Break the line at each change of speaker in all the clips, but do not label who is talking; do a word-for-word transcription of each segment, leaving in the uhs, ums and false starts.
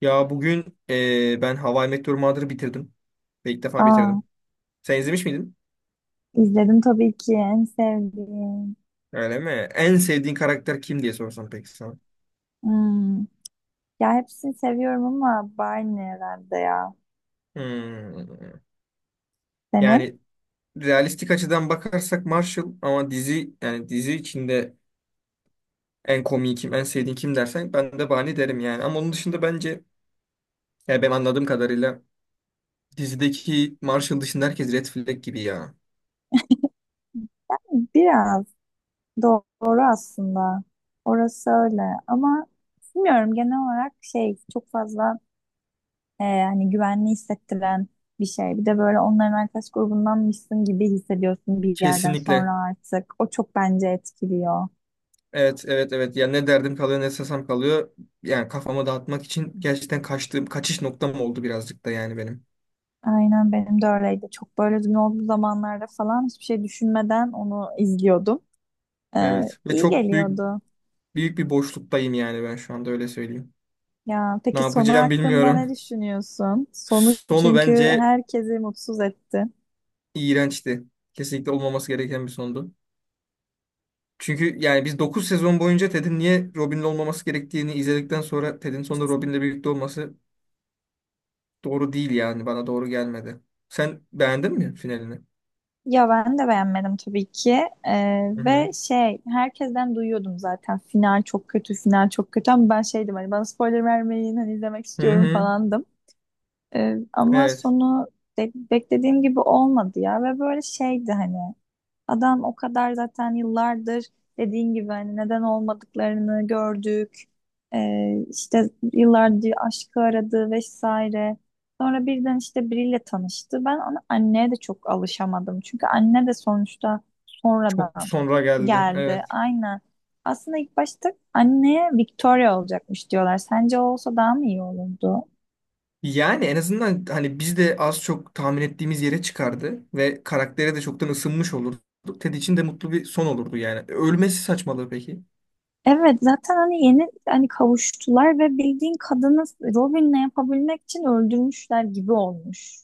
Ya bugün e, ben How I Met Your Mother'ı bitirdim. Ve ilk defa
Aa,
bitirdim. Sen izlemiş miydin?
izledim tabii ki en sevdiğim.
Öyle mi? En sevdiğin karakter kim diye sorsam peki sana.
Hmm. Ya hepsini seviyorum ama Barney herhalde ya.
Hmm.
Senin?
Yani realistik açıdan bakarsak Marshall, ama dizi, yani dizi içinde en komiği kim, en sevdiğin kim dersen ben de Barney derim yani. Ama onun dışında bence, yani ben anladığım kadarıyla, dizideki Marshall dışında herkes Red Flag gibi ya.
Biraz doğru aslında. Orası öyle ama bilmiyorum genel olarak şey çok fazla e, hani güvenli hissettiren bir şey. Bir de böyle onların arkadaş grubundanmışsın gibi hissediyorsun bir yerden sonra
Kesinlikle.
artık. O çok bence etkiliyor.
Evet, evet, evet. Ya ne derdim kalıyor, ne sesem kalıyor. Yani kafamı dağıtmak için gerçekten kaçtığım, kaçış noktam oldu birazcık da yani benim.
Aynen benim de öyleydi. Çok böyle üzgün olduğu zamanlarda falan hiçbir şey düşünmeden onu izliyordum. Ee,
Evet. Ve
iyi
çok büyük
geliyordu.
büyük bir boşluktayım, yani ben şu anda öyle söyleyeyim.
Ya
Ne
peki sonu
yapacağım
hakkında ne
bilmiyorum.
düşünüyorsun? Sonu
Sonu
çünkü
bence
herkesi mutsuz etti.
iğrençti. Kesinlikle olmaması gereken bir sondu. Çünkü yani biz dokuz sezon boyunca Ted'in niye Robin'le olmaması gerektiğini izledikten sonra Ted'in sonunda Robin'le birlikte olması doğru değil yani. Bana doğru gelmedi. Sen beğendin mi finalini?
Ya ben de beğenmedim tabii ki. Ee,
Hı hı.
ve şey herkesten duyuyordum zaten final çok kötü, final çok kötü ama ben şeydim hani bana spoiler vermeyin hani izlemek
Hı
istiyorum
hı.
falandım. Ee, ama
Evet.
sonu be- beklediğim gibi olmadı ya ve böyle şeydi hani adam o kadar zaten yıllardır dediğin gibi hani neden olmadıklarını gördük. Ee, işte yıllardır aşkı aradı vesaire. Sonra birden işte biriyle tanıştı. Ben ona anneye de çok alışamadım. Çünkü anne de sonuçta
Çok
sonradan
sonra geldi.
geldi.
Evet.
Aynen. Aslında ilk başta anneye Victoria olacakmış diyorlar. Sence o olsa daha mı iyi olurdu?
Yani en azından hani biz de az çok tahmin ettiğimiz yere çıkardı ve karaktere de çoktan ısınmış olurdu. Ted için de mutlu bir son olurdu yani. Ölmesi saçmalığı peki.
Evet zaten hani yeni hani kavuştular ve bildiğin kadını Robin'le yapabilmek için öldürmüşler gibi olmuş.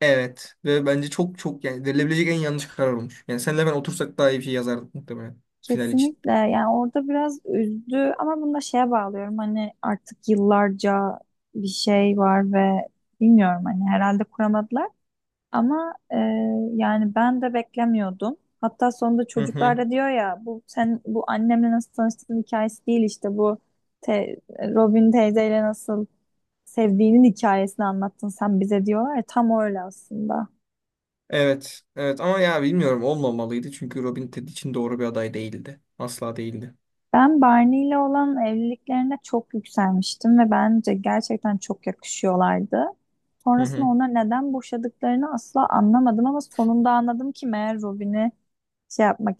Evet. Ve bence çok çok, yani verilebilecek en yanlış karar olmuş. Yani senle ben otursak daha iyi bir şey yazardık muhtemelen final için.
Kesinlikle yani orada biraz üzdü ama bunu da şeye bağlıyorum hani artık yıllarca bir şey var ve bilmiyorum hani herhalde kuramadılar ama e, yani ben de beklemiyordum. Hatta sonunda
Hı
çocuklar
hı.
da diyor ya bu sen bu annemle nasıl tanıştığın hikayesi değil işte bu te- Robin teyzeyle nasıl sevdiğinin hikayesini anlattın sen bize diyorlar ya, tam öyle aslında.
Evet. Evet ama ya bilmiyorum, olmamalıydı çünkü Robin Ted için doğru bir aday değildi. Asla değildi.
Ben Barney ile olan evliliklerine çok yükselmiştim ve bence gerçekten çok yakışıyorlardı.
Hı
Sonrasında
hı.
ona neden boşadıklarını asla anlamadım ama sonunda anladım ki meğer Robin'i şey yapmak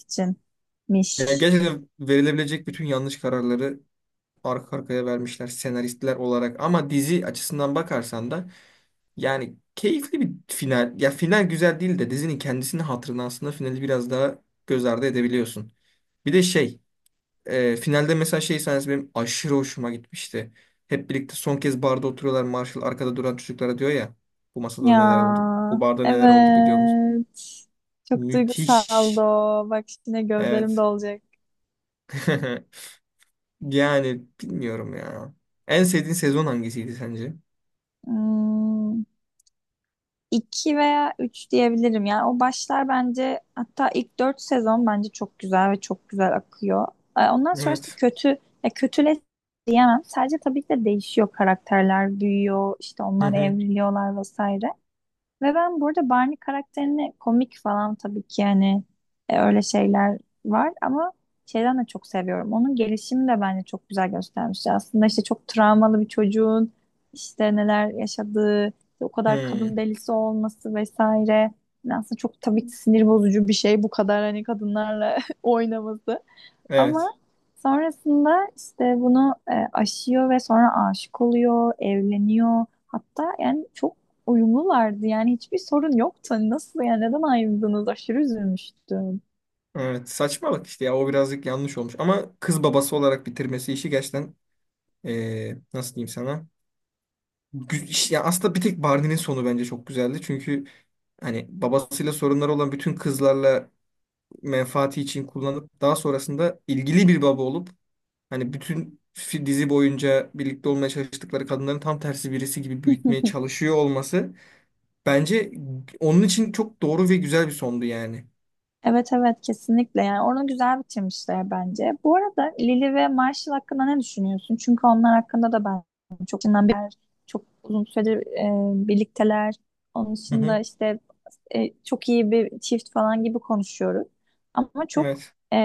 Yani
içinmiş.
gerçekten verilebilecek bütün yanlış kararları arka arkaya vermişler senaristler olarak. Ama dizi açısından bakarsan da yani keyifli bir final. Ya final güzel değil de dizinin kendisini hatırına aslında finali biraz daha göz ardı edebiliyorsun. Bir de şey, e, finalde mesela şey sahnesi benim aşırı hoşuma gitmişti. Hep birlikte son kez barda oturuyorlar. Marshall arkada duran çocuklara diyor ya, bu
Ya
masada neler oldu? Bu barda neler oldu biliyor musun?
evet. Çok duygusaldı
Müthiş.
o. Bak şimdi gözlerim
Evet.
dolacak.
Yani bilmiyorum ya. En sevdiğin sezon hangisiydi sence?
Hmm. iki veya üç diyebilirim. Yani o başlar bence hatta ilk dört sezon bence çok güzel ve çok güzel akıyor. Ee, Ondan sonrası
Evet.
kötü, ya kötüle diyemem. Sadece tabii ki de değişiyor karakterler, büyüyor, işte onlar evriliyorlar vesaire. Ve ben burada Barney karakterini komik falan tabii ki yani e, öyle şeyler var ama şeyden de çok seviyorum. Onun gelişimi de bence çok güzel göstermiş. Aslında işte çok travmalı bir çocuğun işte neler yaşadığı, işte o kadar kadın
Hmm,
delisi olması vesaire. Yani aslında çok tabii ki sinir bozucu bir şey bu kadar hani kadınlarla oynaması. Ama
evet.
sonrasında işte bunu e, aşıyor ve sonra aşık oluyor, evleniyor. Hatta yani çok uyumlulardı. Yani hiçbir sorun yoktu. Hani nasıl yani neden ayrıldınız? Aşırı üzülmüştüm.
Evet. Saçmalık işte ya. O birazcık yanlış olmuş. Ama kız babası olarak bitirmesi işi gerçekten eee, nasıl diyeyim sana? Gü- iş- Ya aslında bir tek Barney'nin sonu bence çok güzeldi. Çünkü hani babasıyla sorunları olan bütün kızlarla menfaati için kullanıp daha sonrasında ilgili bir baba olup hani bütün fi- dizi boyunca birlikte olmaya çalıştıkları kadınların tam tersi birisi gibi büyütmeye çalışıyor olması bence onun için çok doğru ve güzel bir sondu yani.
Evet evet kesinlikle yani onu güzel bitirmişler bence. Bu arada Lily ve Marshall hakkında ne düşünüyorsun? Çünkü onlar hakkında da ben çok çok uzun süredir e, birlikteler. Onun
Hı
dışında
hı,
işte e, çok iyi bir çift falan gibi konuşuyoruz. Ama çok
evet.
e,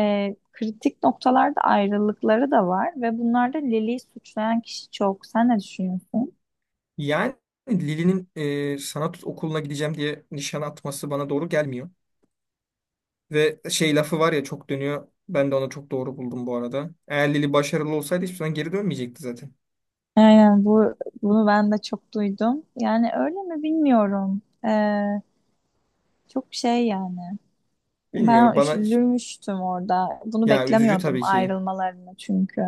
kritik noktalarda ayrılıkları da var ve bunlarda Lili'yi suçlayan kişi çok. Sen ne düşünüyorsun?
Yani Lili'nin e, sanat okuluna gideceğim diye nişan atması bana doğru gelmiyor. Ve şey lafı var ya, çok dönüyor. Ben de onu çok doğru buldum bu arada. Eğer Lili başarılı olsaydı hiçbir zaman geri dönmeyecekti zaten.
Aynen bu bunu ben de çok duydum. Yani öyle mi bilmiyorum. E, çok şey yani. Ben
Bilmiyorum,
üş-
bana
üzülmüştüm orada. Bunu
ya üzücü
beklemiyordum
tabii ki.
ayrılmalarını çünkü.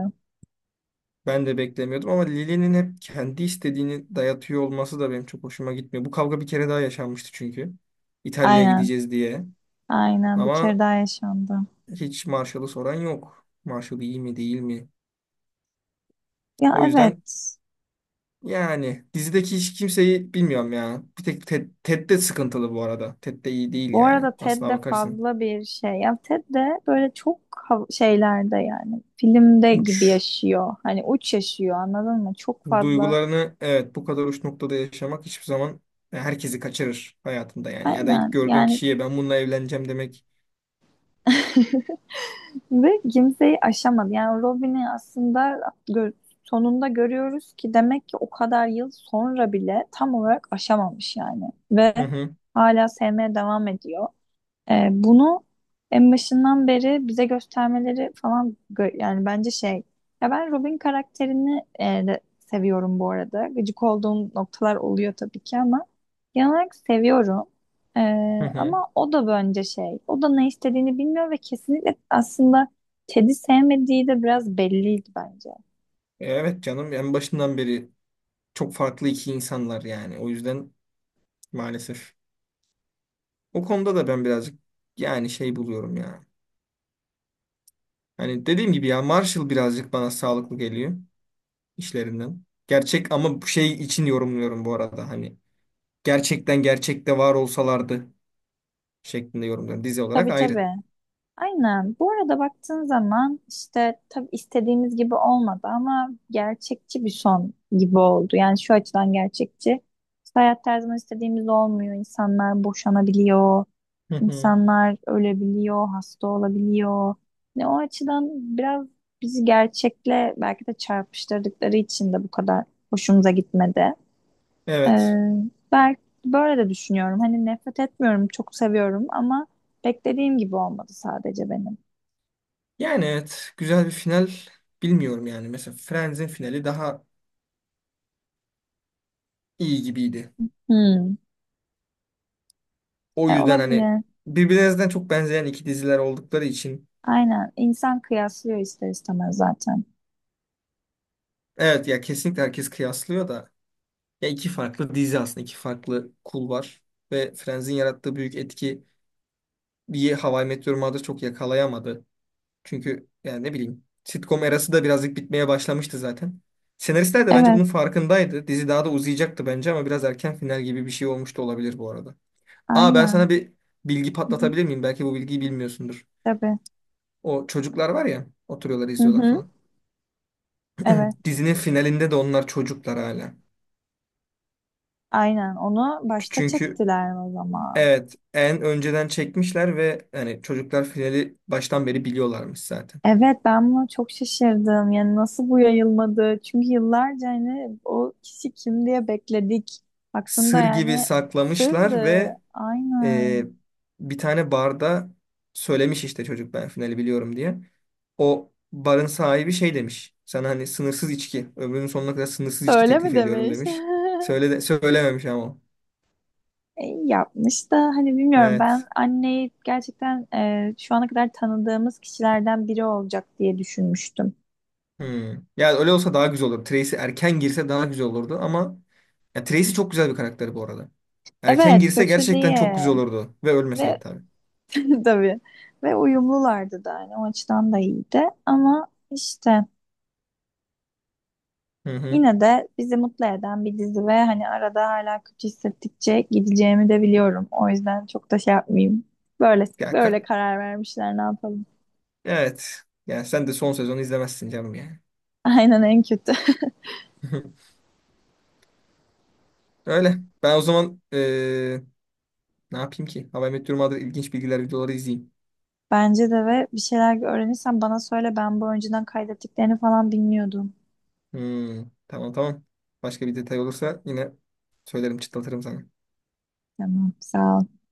Ben de beklemiyordum ama Lili'nin hep kendi istediğini dayatıyor olması da benim çok hoşuma gitmiyor. Bu kavga bir kere daha yaşanmıştı çünkü. İtalya'ya
Aynen.
gideceğiz diye.
Aynen bir kere
Ama
daha yaşandı.
hiç Marshall'ı soran yok. Marshall iyi mi değil mi?
Ya
O yüzden.
evet.
Yani dizideki hiç kimseyi bilmiyorum ya. Bir tek Ted, Ted de sıkıntılı bu arada. Ted de iyi değil
Bu
yani.
arada Ted
Aslına
de
bakarsın.
fazla bir şey. Ya Ted de böyle çok hav- şeylerde yani filmde gibi
Uç.
yaşıyor. Hani uç yaşıyor anladın mı? Çok fazla.
Duygularını, evet, bu kadar uç noktada yaşamak hiçbir zaman herkesi kaçırır hayatında yani. Ya da ilk
Aynen
gördüğün
yani
kişiye ben bununla evleneceğim demek.
ve kimseyi aşamadı. Yani Robin'i aslında gö- sonunda görüyoruz ki demek ki o kadar yıl sonra bile tam olarak aşamamış yani. Ve
Hı hı
hala sevmeye devam ediyor. Ee, bunu en başından beri bize göstermeleri falan gö- yani bence şey ya ben Robin karakterini e, de seviyorum bu arada. Gıcık olduğum noktalar oluyor tabii ki ama genel olarak seviyorum. Ee,
hı hı.
ama o da bence şey o da ne istediğini bilmiyor ve kesinlikle aslında Ted'i sevmediği de biraz belliydi bence.
E, evet canım, en başından beri çok farklı iki insanlar yani. O yüzden maalesef. O konuda da ben birazcık yani şey buluyorum ya. Hani dediğim gibi, ya Marshall birazcık bana sağlıklı geliyor. İşlerinden. Gerçek, ama bu şey için yorumluyorum bu arada, hani. Gerçekten gerçekte var olsalardı şeklinde yorumluyorum. Dizi olarak
Tabii
ayrı.
tabii. Aynen. Bu arada baktığın zaman işte tabii istediğimiz gibi olmadı ama gerçekçi bir son gibi oldu. Yani şu açıdan gerçekçi. İşte hayat her zaman istediğimiz olmuyor. İnsanlar boşanabiliyor.
Hı hı.
İnsanlar ölebiliyor, hasta olabiliyor. Ne o açıdan biraz bizi gerçekle belki de çarpıştırdıkları için de bu kadar hoşumuza gitmedi. Ee,
Evet.
belki böyle de düşünüyorum. Hani nefret etmiyorum, çok seviyorum ama beklediğim gibi olmadı sadece benim.
Yani evet. Güzel bir final. Bilmiyorum yani. Mesela Friends'in finali daha iyi gibiydi.
Hmm.
O
E,
yüzden hani,
olabilir.
birbirinizden çok benzeyen iki diziler oldukları için,
Aynen. İnsan kıyaslıyor ister istemez zaten.
evet ya kesinlikle herkes kıyaslıyor da, ya iki farklı dizi aslında, iki farklı kul var ve Friends'in yarattığı büyük etki bir How I Met Your Mother çok yakalayamadı. Çünkü yani ne bileyim, sitcom erası da birazcık bitmeye başlamıştı zaten. Senaristler de bence
Evet.
bunun farkındaydı. Dizi daha da uzayacaktı bence ama biraz erken final gibi bir şey olmuş da olabilir bu arada. Aa, ben
Aynen.
sana bir bilgi
Hı hı.
patlatabilir miyim? Belki bu bilgiyi bilmiyorsundur.
Tabii.
O çocuklar var ya, oturuyorlar
Hı
izliyorlar
hı.
falan.
Evet.
Dizinin finalinde de onlar çocuklar hala.
Aynen. Onu başta
Çünkü
çektiler o zaman.
evet, en önceden çekmişler ve yani çocuklar finali baştan beri biliyorlarmış zaten.
Evet ben buna çok şaşırdım. Yani nasıl bu yayılmadı? Çünkü yıllarca hani o kişi kim diye bekledik. Baktığında
Sır gibi
yani
saklamışlar
sırdı.
ve e,
Aynen.
bir tane barda söylemiş işte çocuk ben finali biliyorum diye. O barın sahibi şey demiş. Sana hani sınırsız içki, ömrünün sonuna kadar sınırsız içki
Öyle
teklif
mi
ediyorum
demiş?
demiş. Söyle de, söylememiş ama. O.
E, iyi yapmış da hani bilmiyorum ben
Evet.
anneyi gerçekten e, şu ana kadar tanıdığımız kişilerden biri olacak diye düşünmüştüm.
Hmm. Yani öyle olsa daha güzel olur. Tracy erken girse daha güzel olurdu, ama ya Tracy çok güzel bir karakteri bu arada. Erken
Evet
girse
kötü
gerçekten çok
diye
güzel olurdu ve ölmeseydi
ve
tabii.
tabii ve uyumlulardı da hani o açıdan da iyiydi ama işte
Hı hı.
yine de bizi mutlu eden bir dizi ve hani arada hala kötü hissettikçe gideceğimi de biliyorum. O yüzden çok da şey yapmayayım. Böyle
Ya,
böyle
ka-
karar vermişler ne yapalım.
evet. Yani sen de son sezonu izlemezsin canım yani.
Aynen en kötü.
Öyle. Ben o zaman ne yapayım ki? How I Met Your Mother ilginç bilgiler videoları izleyeyim.
Bence de ve bir şeyler öğrenirsen bana söyle ben bu önceden kaydettiklerini falan bilmiyordum.
Hmm, tamam tamam. Başka bir detay olursa yine söylerim, çıtlatırım sana.
Tamam, sağ ol.